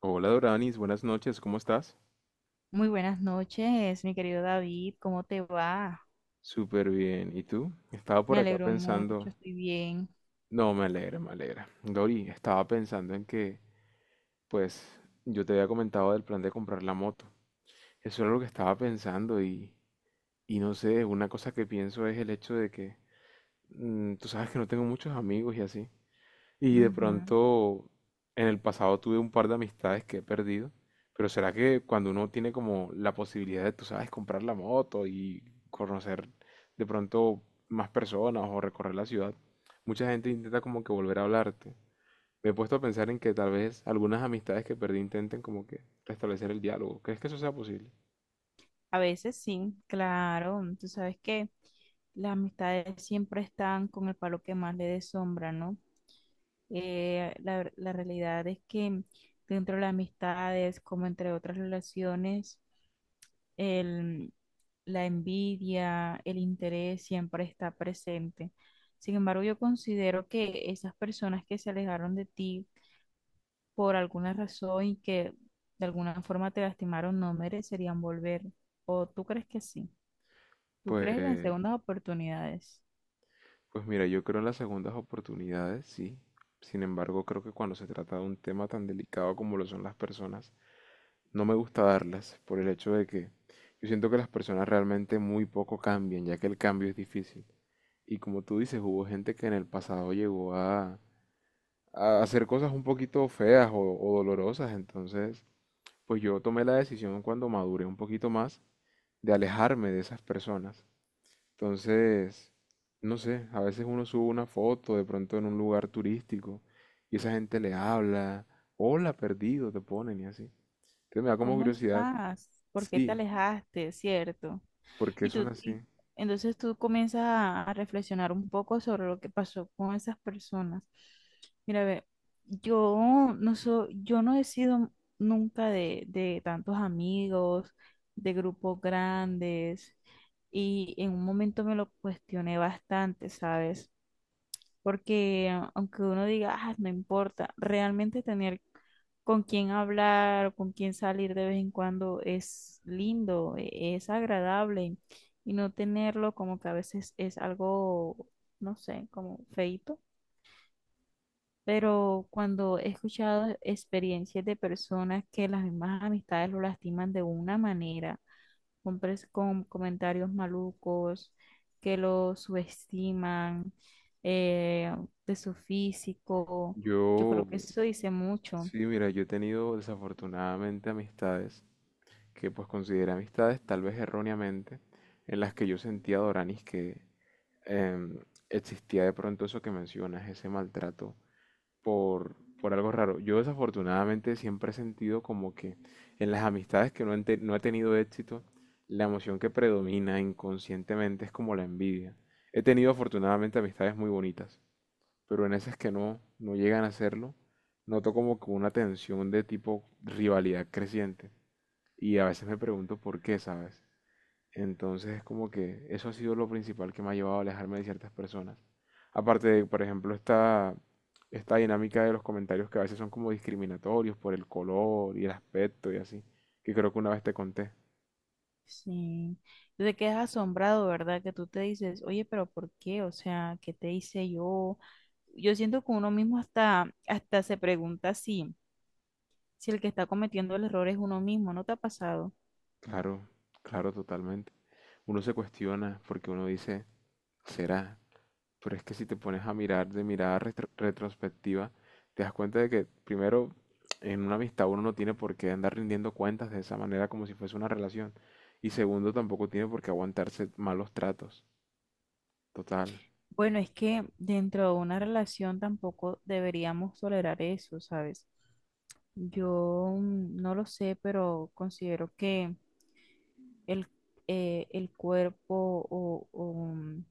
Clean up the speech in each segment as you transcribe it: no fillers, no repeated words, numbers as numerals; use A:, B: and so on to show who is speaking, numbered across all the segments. A: Hola Doranis, buenas noches, ¿cómo estás?
B: Muy buenas noches, mi querido David, ¿cómo te va?
A: Súper bien, ¿y tú? Estaba
B: Me
A: por acá
B: alegro
A: pensando,
B: mucho, estoy bien.
A: no, me alegra, me alegra. Dori, estaba pensando en que, pues, yo te había comentado del plan de comprar la moto. Eso era lo que estaba pensando y, no sé, una cosa que pienso es el hecho de que, tú sabes que no tengo muchos amigos y así. Y de
B: Ujú.
A: pronto, en el pasado tuve un par de amistades que he perdido, pero será que cuando uno tiene como la posibilidad de, tú sabes, comprar la moto y conocer de pronto más personas o recorrer la ciudad, mucha gente intenta como que volver a hablarte. Me he puesto a pensar en que tal vez algunas amistades que perdí intenten como que restablecer el diálogo. ¿Crees que eso sea posible?
B: A veces sí, claro, tú sabes que las amistades siempre están con el palo que más le dé sombra, ¿no? La realidad es que dentro de las amistades, como entre otras relaciones, el, la envidia, el interés siempre está presente. Sin embargo, yo considero que esas personas que se alejaron de ti, por alguna razón y que de alguna forma te lastimaron, no merecerían volver. ¿O tú crees que sí? ¿Tú crees en las
A: Pues,
B: segundas oportunidades?
A: pues mira, yo creo en las segundas oportunidades, sí. Sin embargo, creo que cuando se trata de un tema tan delicado como lo son las personas, no me gusta darlas por el hecho de que yo siento que las personas realmente muy poco cambian, ya que el cambio es difícil. Y como tú dices, hubo gente que en el pasado llegó a hacer cosas un poquito feas o dolorosas. Entonces, pues yo tomé la decisión cuando maduré un poquito más de alejarme de esas personas. Entonces, no sé, a veces uno sube una foto de pronto en un lugar turístico y esa gente le habla, hola, perdido, te ponen y así. Entonces me da como
B: ¿Cómo
A: curiosidad.
B: estás? ¿Por qué te
A: Sí,
B: alejaste? ¿Cierto?
A: ¿por qué
B: Y
A: son
B: tú, y
A: así?
B: entonces tú comienzas a reflexionar un poco sobre lo que pasó con esas personas. Mira, ve, yo no he sido nunca de tantos amigos, de grupos grandes, y en un momento me lo cuestioné bastante, ¿sabes? Porque aunque uno diga, ah, no importa, realmente tener con quién hablar o con quién salir de vez en cuando es lindo, es agradable y no tenerlo como que a veces es algo, no sé, como feito. Pero cuando he escuchado experiencias de personas que las mismas amistades lo lastiman de una manera, hombres con comentarios malucos, que lo subestiman, eh, de su físico. Yo
A: Yo,
B: creo que eso dice mucho.
A: sí, mira, yo he tenido desafortunadamente amistades que pues consideré amistades tal vez erróneamente, en las que yo sentía, Doranis, que em, existía de pronto eso que mencionas, ese maltrato por, por algo raro. Yo desafortunadamente siempre he sentido como que en las amistades que no he tenido éxito, la emoción que predomina inconscientemente es como la envidia. He tenido afortunadamente amistades muy bonitas, pero en esas que no, no llegan a hacerlo, noto como que una tensión de tipo rivalidad creciente. Y a veces me pregunto por qué, ¿sabes? Entonces es como que eso ha sido lo principal que me ha llevado a alejarme de ciertas personas. Aparte de, por ejemplo, esta dinámica de los comentarios que a veces son como discriminatorios por el color y el aspecto y así, que creo que una vez te conté.
B: Sí. Te quedas asombrado, ¿verdad? Que tú te dices, oye, pero ¿por qué? O sea, ¿qué te hice yo? Yo siento que uno mismo hasta se pregunta si el que está cometiendo el error es uno mismo, ¿no te ha pasado?
A: Claro, claro, totalmente. Uno se cuestiona porque uno dice, ¿será? Pero es que si te pones a mirar de mirada retrospectiva, te das cuenta de que primero en una amistad uno no tiene por qué andar rindiendo cuentas de esa manera como si fuese una relación. Y segundo, tampoco tiene por qué aguantarse malos tratos. Total.
B: Bueno, es que dentro de una relación tampoco deberíamos tolerar eso, ¿sabes? Yo no lo sé, pero considero que el, el cuerpo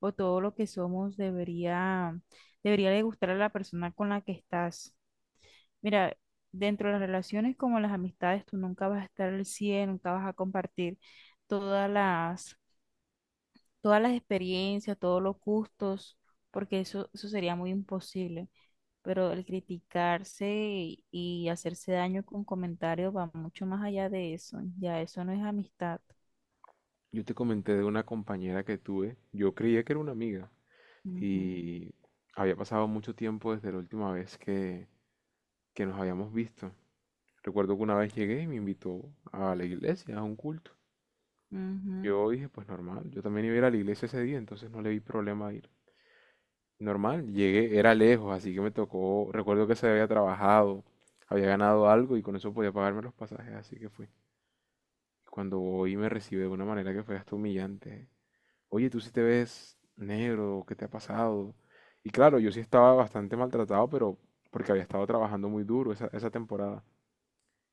B: o todo lo que somos debería de gustar a la persona con la que estás. Mira, dentro de las relaciones como las amistades, tú nunca vas a estar al cien, nunca vas a compartir todas las, todas las experiencias, todos los gustos, porque eso sería muy imposible. Pero el criticarse y hacerse daño con comentarios va mucho más allá de eso, ya eso no es amistad.
A: Yo te comenté de una compañera que tuve. Yo creía que era una amiga.
B: Ujú,
A: Y había pasado mucho tiempo desde la última vez que nos habíamos visto. Recuerdo que una vez llegué y me invitó a la iglesia, a un culto.
B: ujú.
A: Yo dije, pues normal, yo también iba a ir a la iglesia ese día, entonces no le vi problema a ir. Normal, llegué, era lejos, así que me tocó, recuerdo que se había trabajado, había ganado algo y con eso podía pagarme los pasajes, así que fui. Cuando voy me recibe de una manera que fue hasta humillante. Oye, tú sí te ves negro, ¿qué te ha pasado? Y claro, yo sí estaba bastante maltratado, pero porque había estado trabajando muy duro esa temporada.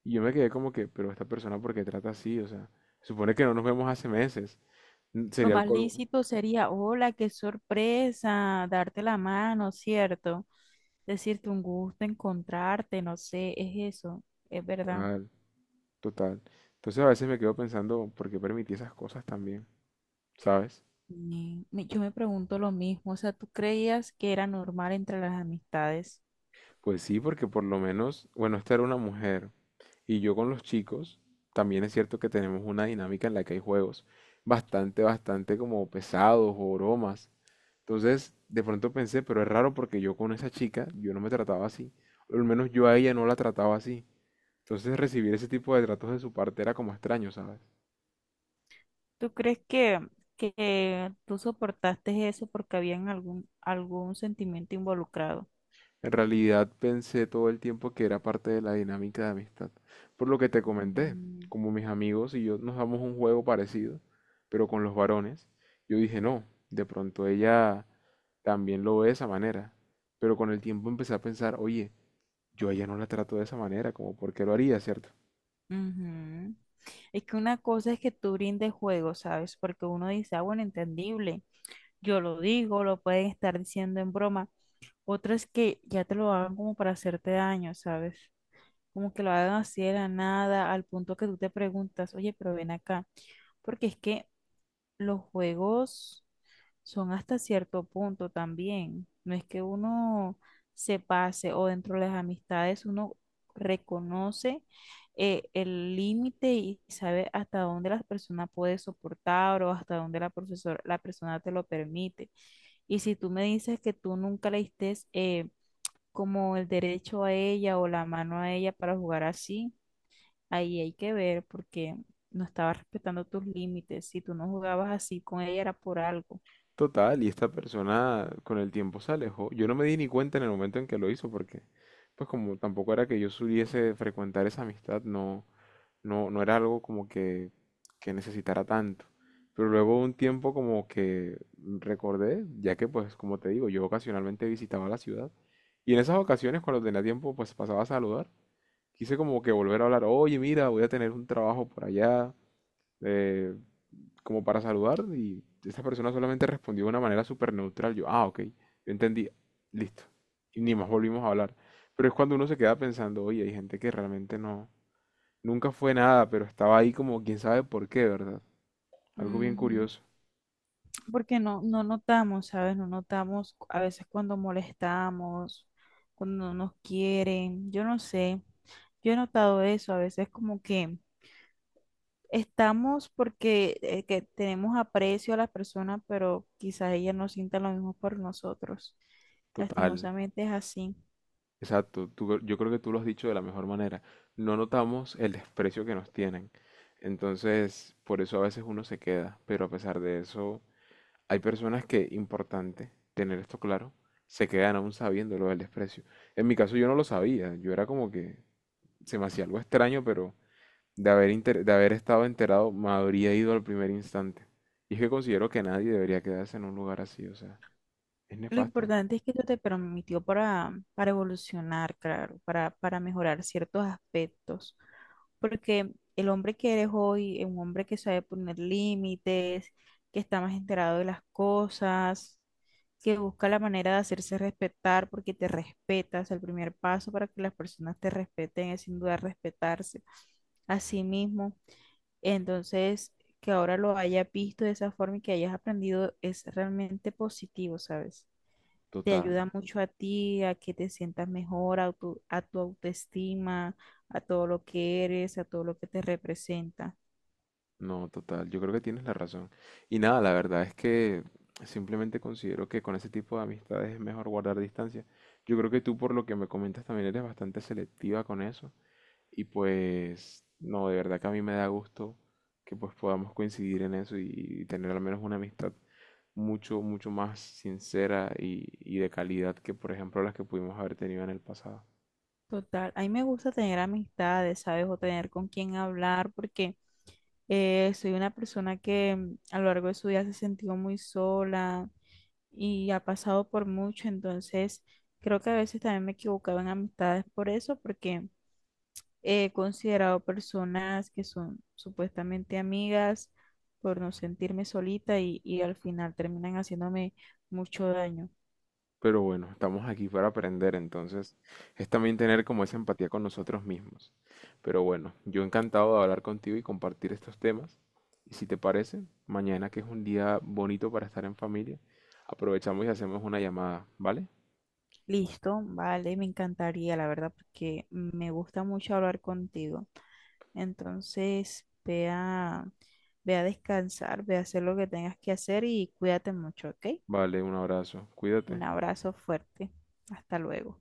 A: Y yo me quedé como que, pero esta persona, ¿por qué trata así? O sea, supone que no nos vemos hace meses.
B: Lo
A: Sería el
B: más
A: colmo.
B: lícito sería, hola, qué sorpresa, darte la mano, ¿cierto? Decirte un gusto, encontrarte, no sé, es eso, es verdad.
A: Total. Entonces a veces me quedo pensando, ¿por qué permití esas cosas también? ¿Sabes?
B: Yo me pregunto lo mismo, o sea, ¿tú creías que era normal entre las amistades?
A: Pues sí, porque por lo menos, bueno, esta era una mujer y yo con los chicos, también es cierto que tenemos una dinámica en la que hay juegos bastante como pesados o bromas. Entonces, de pronto pensé, pero es raro porque yo con esa chica, yo no me trataba así. O al menos yo a ella no la trataba así. Entonces recibir ese tipo de tratos de su parte era como extraño, ¿sabes?
B: ¿Tú crees que tú soportaste eso porque había algún, algún sentimiento involucrado?
A: En realidad pensé todo el tiempo que era parte de la dinámica de amistad. Por lo que te comenté,
B: Mm,
A: como mis amigos y yo nos damos un juego parecido, pero con los varones, yo dije, no, de pronto ella también lo ve de esa manera. Pero con el tiempo empecé a pensar, oye, yo a ella no la trato de esa manera, como por qué lo haría, ¿cierto?
B: ujú. Es que una cosa es que tú brindes juego, ¿sabes? Porque uno dice, ah, bueno, entendible, yo lo digo, lo pueden estar diciendo en broma. Otra es que ya te lo hagan como para hacerte daño, ¿sabes? Como que lo hagan así de la nada, al punto que tú te preguntas, oye, pero ven acá, porque es que los juegos son hasta cierto punto también. No es que uno se pase, o dentro de las amistades uno reconoce el límite y sabe hasta dónde la persona puede soportar o hasta dónde la persona te lo permite. Y si tú me dices que tú nunca le diste como el derecho a ella o la mano a ella para jugar así, ahí hay que ver porque no estabas respetando tus límites. Si tú no jugabas así con ella era por algo.
A: Total, y esta persona con el tiempo se alejó. Yo no me di ni cuenta en el momento en que lo hizo, porque pues como tampoco era que yo supiese frecuentar esa amistad, no, no, no era algo como que necesitara tanto. Pero luego de un tiempo como que recordé, ya que pues como te digo, yo ocasionalmente visitaba la ciudad y en esas ocasiones cuando tenía tiempo pues pasaba a saludar. Quise como que volver a hablar, oye mira, voy a tener un trabajo por allá, eh, como para saludar y esa persona solamente respondió de una manera súper neutral. Yo, ah, ok, yo entendí, listo. Y ni más volvimos a hablar. Pero es cuando uno se queda pensando, oye, hay gente que realmente no, nunca fue nada, pero estaba ahí como quién sabe por qué, ¿verdad? Algo bien
B: Ujú.
A: curioso.
B: Porque no, no notamos, ¿sabes? No notamos a veces cuando molestamos, cuando no nos quieren, yo no sé. Yo he notado eso, a veces como que estamos porque que tenemos aprecio a las personas, pero quizás ellas no sientan lo mismo por nosotros.
A: Total.
B: Lastimosamente es así.
A: Exacto. Yo creo que tú lo has dicho de la mejor manera. No notamos el desprecio que nos tienen. Entonces, por eso a veces uno se queda. Pero a pesar de eso, hay personas que, importante tener esto claro, se quedan aún sabiendo lo del desprecio. En mi caso yo no lo sabía. Yo era como que se me hacía algo extraño, pero de haber estado enterado, me habría ido al primer instante. Y es que considero que nadie debería quedarse en un lugar así, o sea, es
B: Lo
A: nefasto.
B: importante es que esto te permitió para evolucionar, claro, para mejorar ciertos aspectos. Porque el hombre que eres hoy es un hombre que sabe poner límites, que está más enterado de las cosas, que busca la manera de hacerse respetar porque te respetas. El primer paso para que las personas te respeten es sin duda respetarse a sí mismo. Entonces, que ahora lo hayas visto de esa forma y que hayas aprendido es realmente positivo, ¿sabes? Te
A: Total,
B: ayuda mucho a ti, a que te sientas mejor, a a tu autoestima, a todo lo que eres, a todo lo que te representa.
A: no, total, yo creo que tienes la razón. Y nada, la verdad es que simplemente considero que con ese tipo de amistades es mejor guardar distancia. Yo creo que tú, por lo que me comentas, también eres bastante selectiva con eso. Y pues, no, de verdad que a mí me da gusto que pues podamos coincidir en eso y tener al menos una amistad mucho, mucho más sincera y de calidad que, por ejemplo, las que pudimos haber tenido en el pasado.
B: Total, a mí me gusta tener amistades, ¿sabes? O tener con quién hablar, porque soy una persona que, a lo largo de su vida, se ha sentido muy sola y ha pasado por mucho, entonces creo que a veces también me he equivocado en amistades por eso, porque he considerado personas que son supuestamente amigas por no sentirme solita y al final terminan haciéndome mucho daño.
A: Pero bueno, estamos aquí para aprender, entonces es también tener como esa empatía con nosotros mismos. Pero bueno, yo encantado de hablar contigo y compartir estos temas. Y si te parece, mañana que es un día bonito para estar en familia, aprovechamos y hacemos una llamada, ¿vale?
B: Listo, vale, me encantaría, la verdad, porque me gusta mucho hablar contigo. Entonces, ve a descansar, ve a hacer lo que tengas que hacer y cuídate mucho, ¿ok?
A: Vale, un abrazo, cuídate.
B: Un abrazo fuerte. Hasta luego.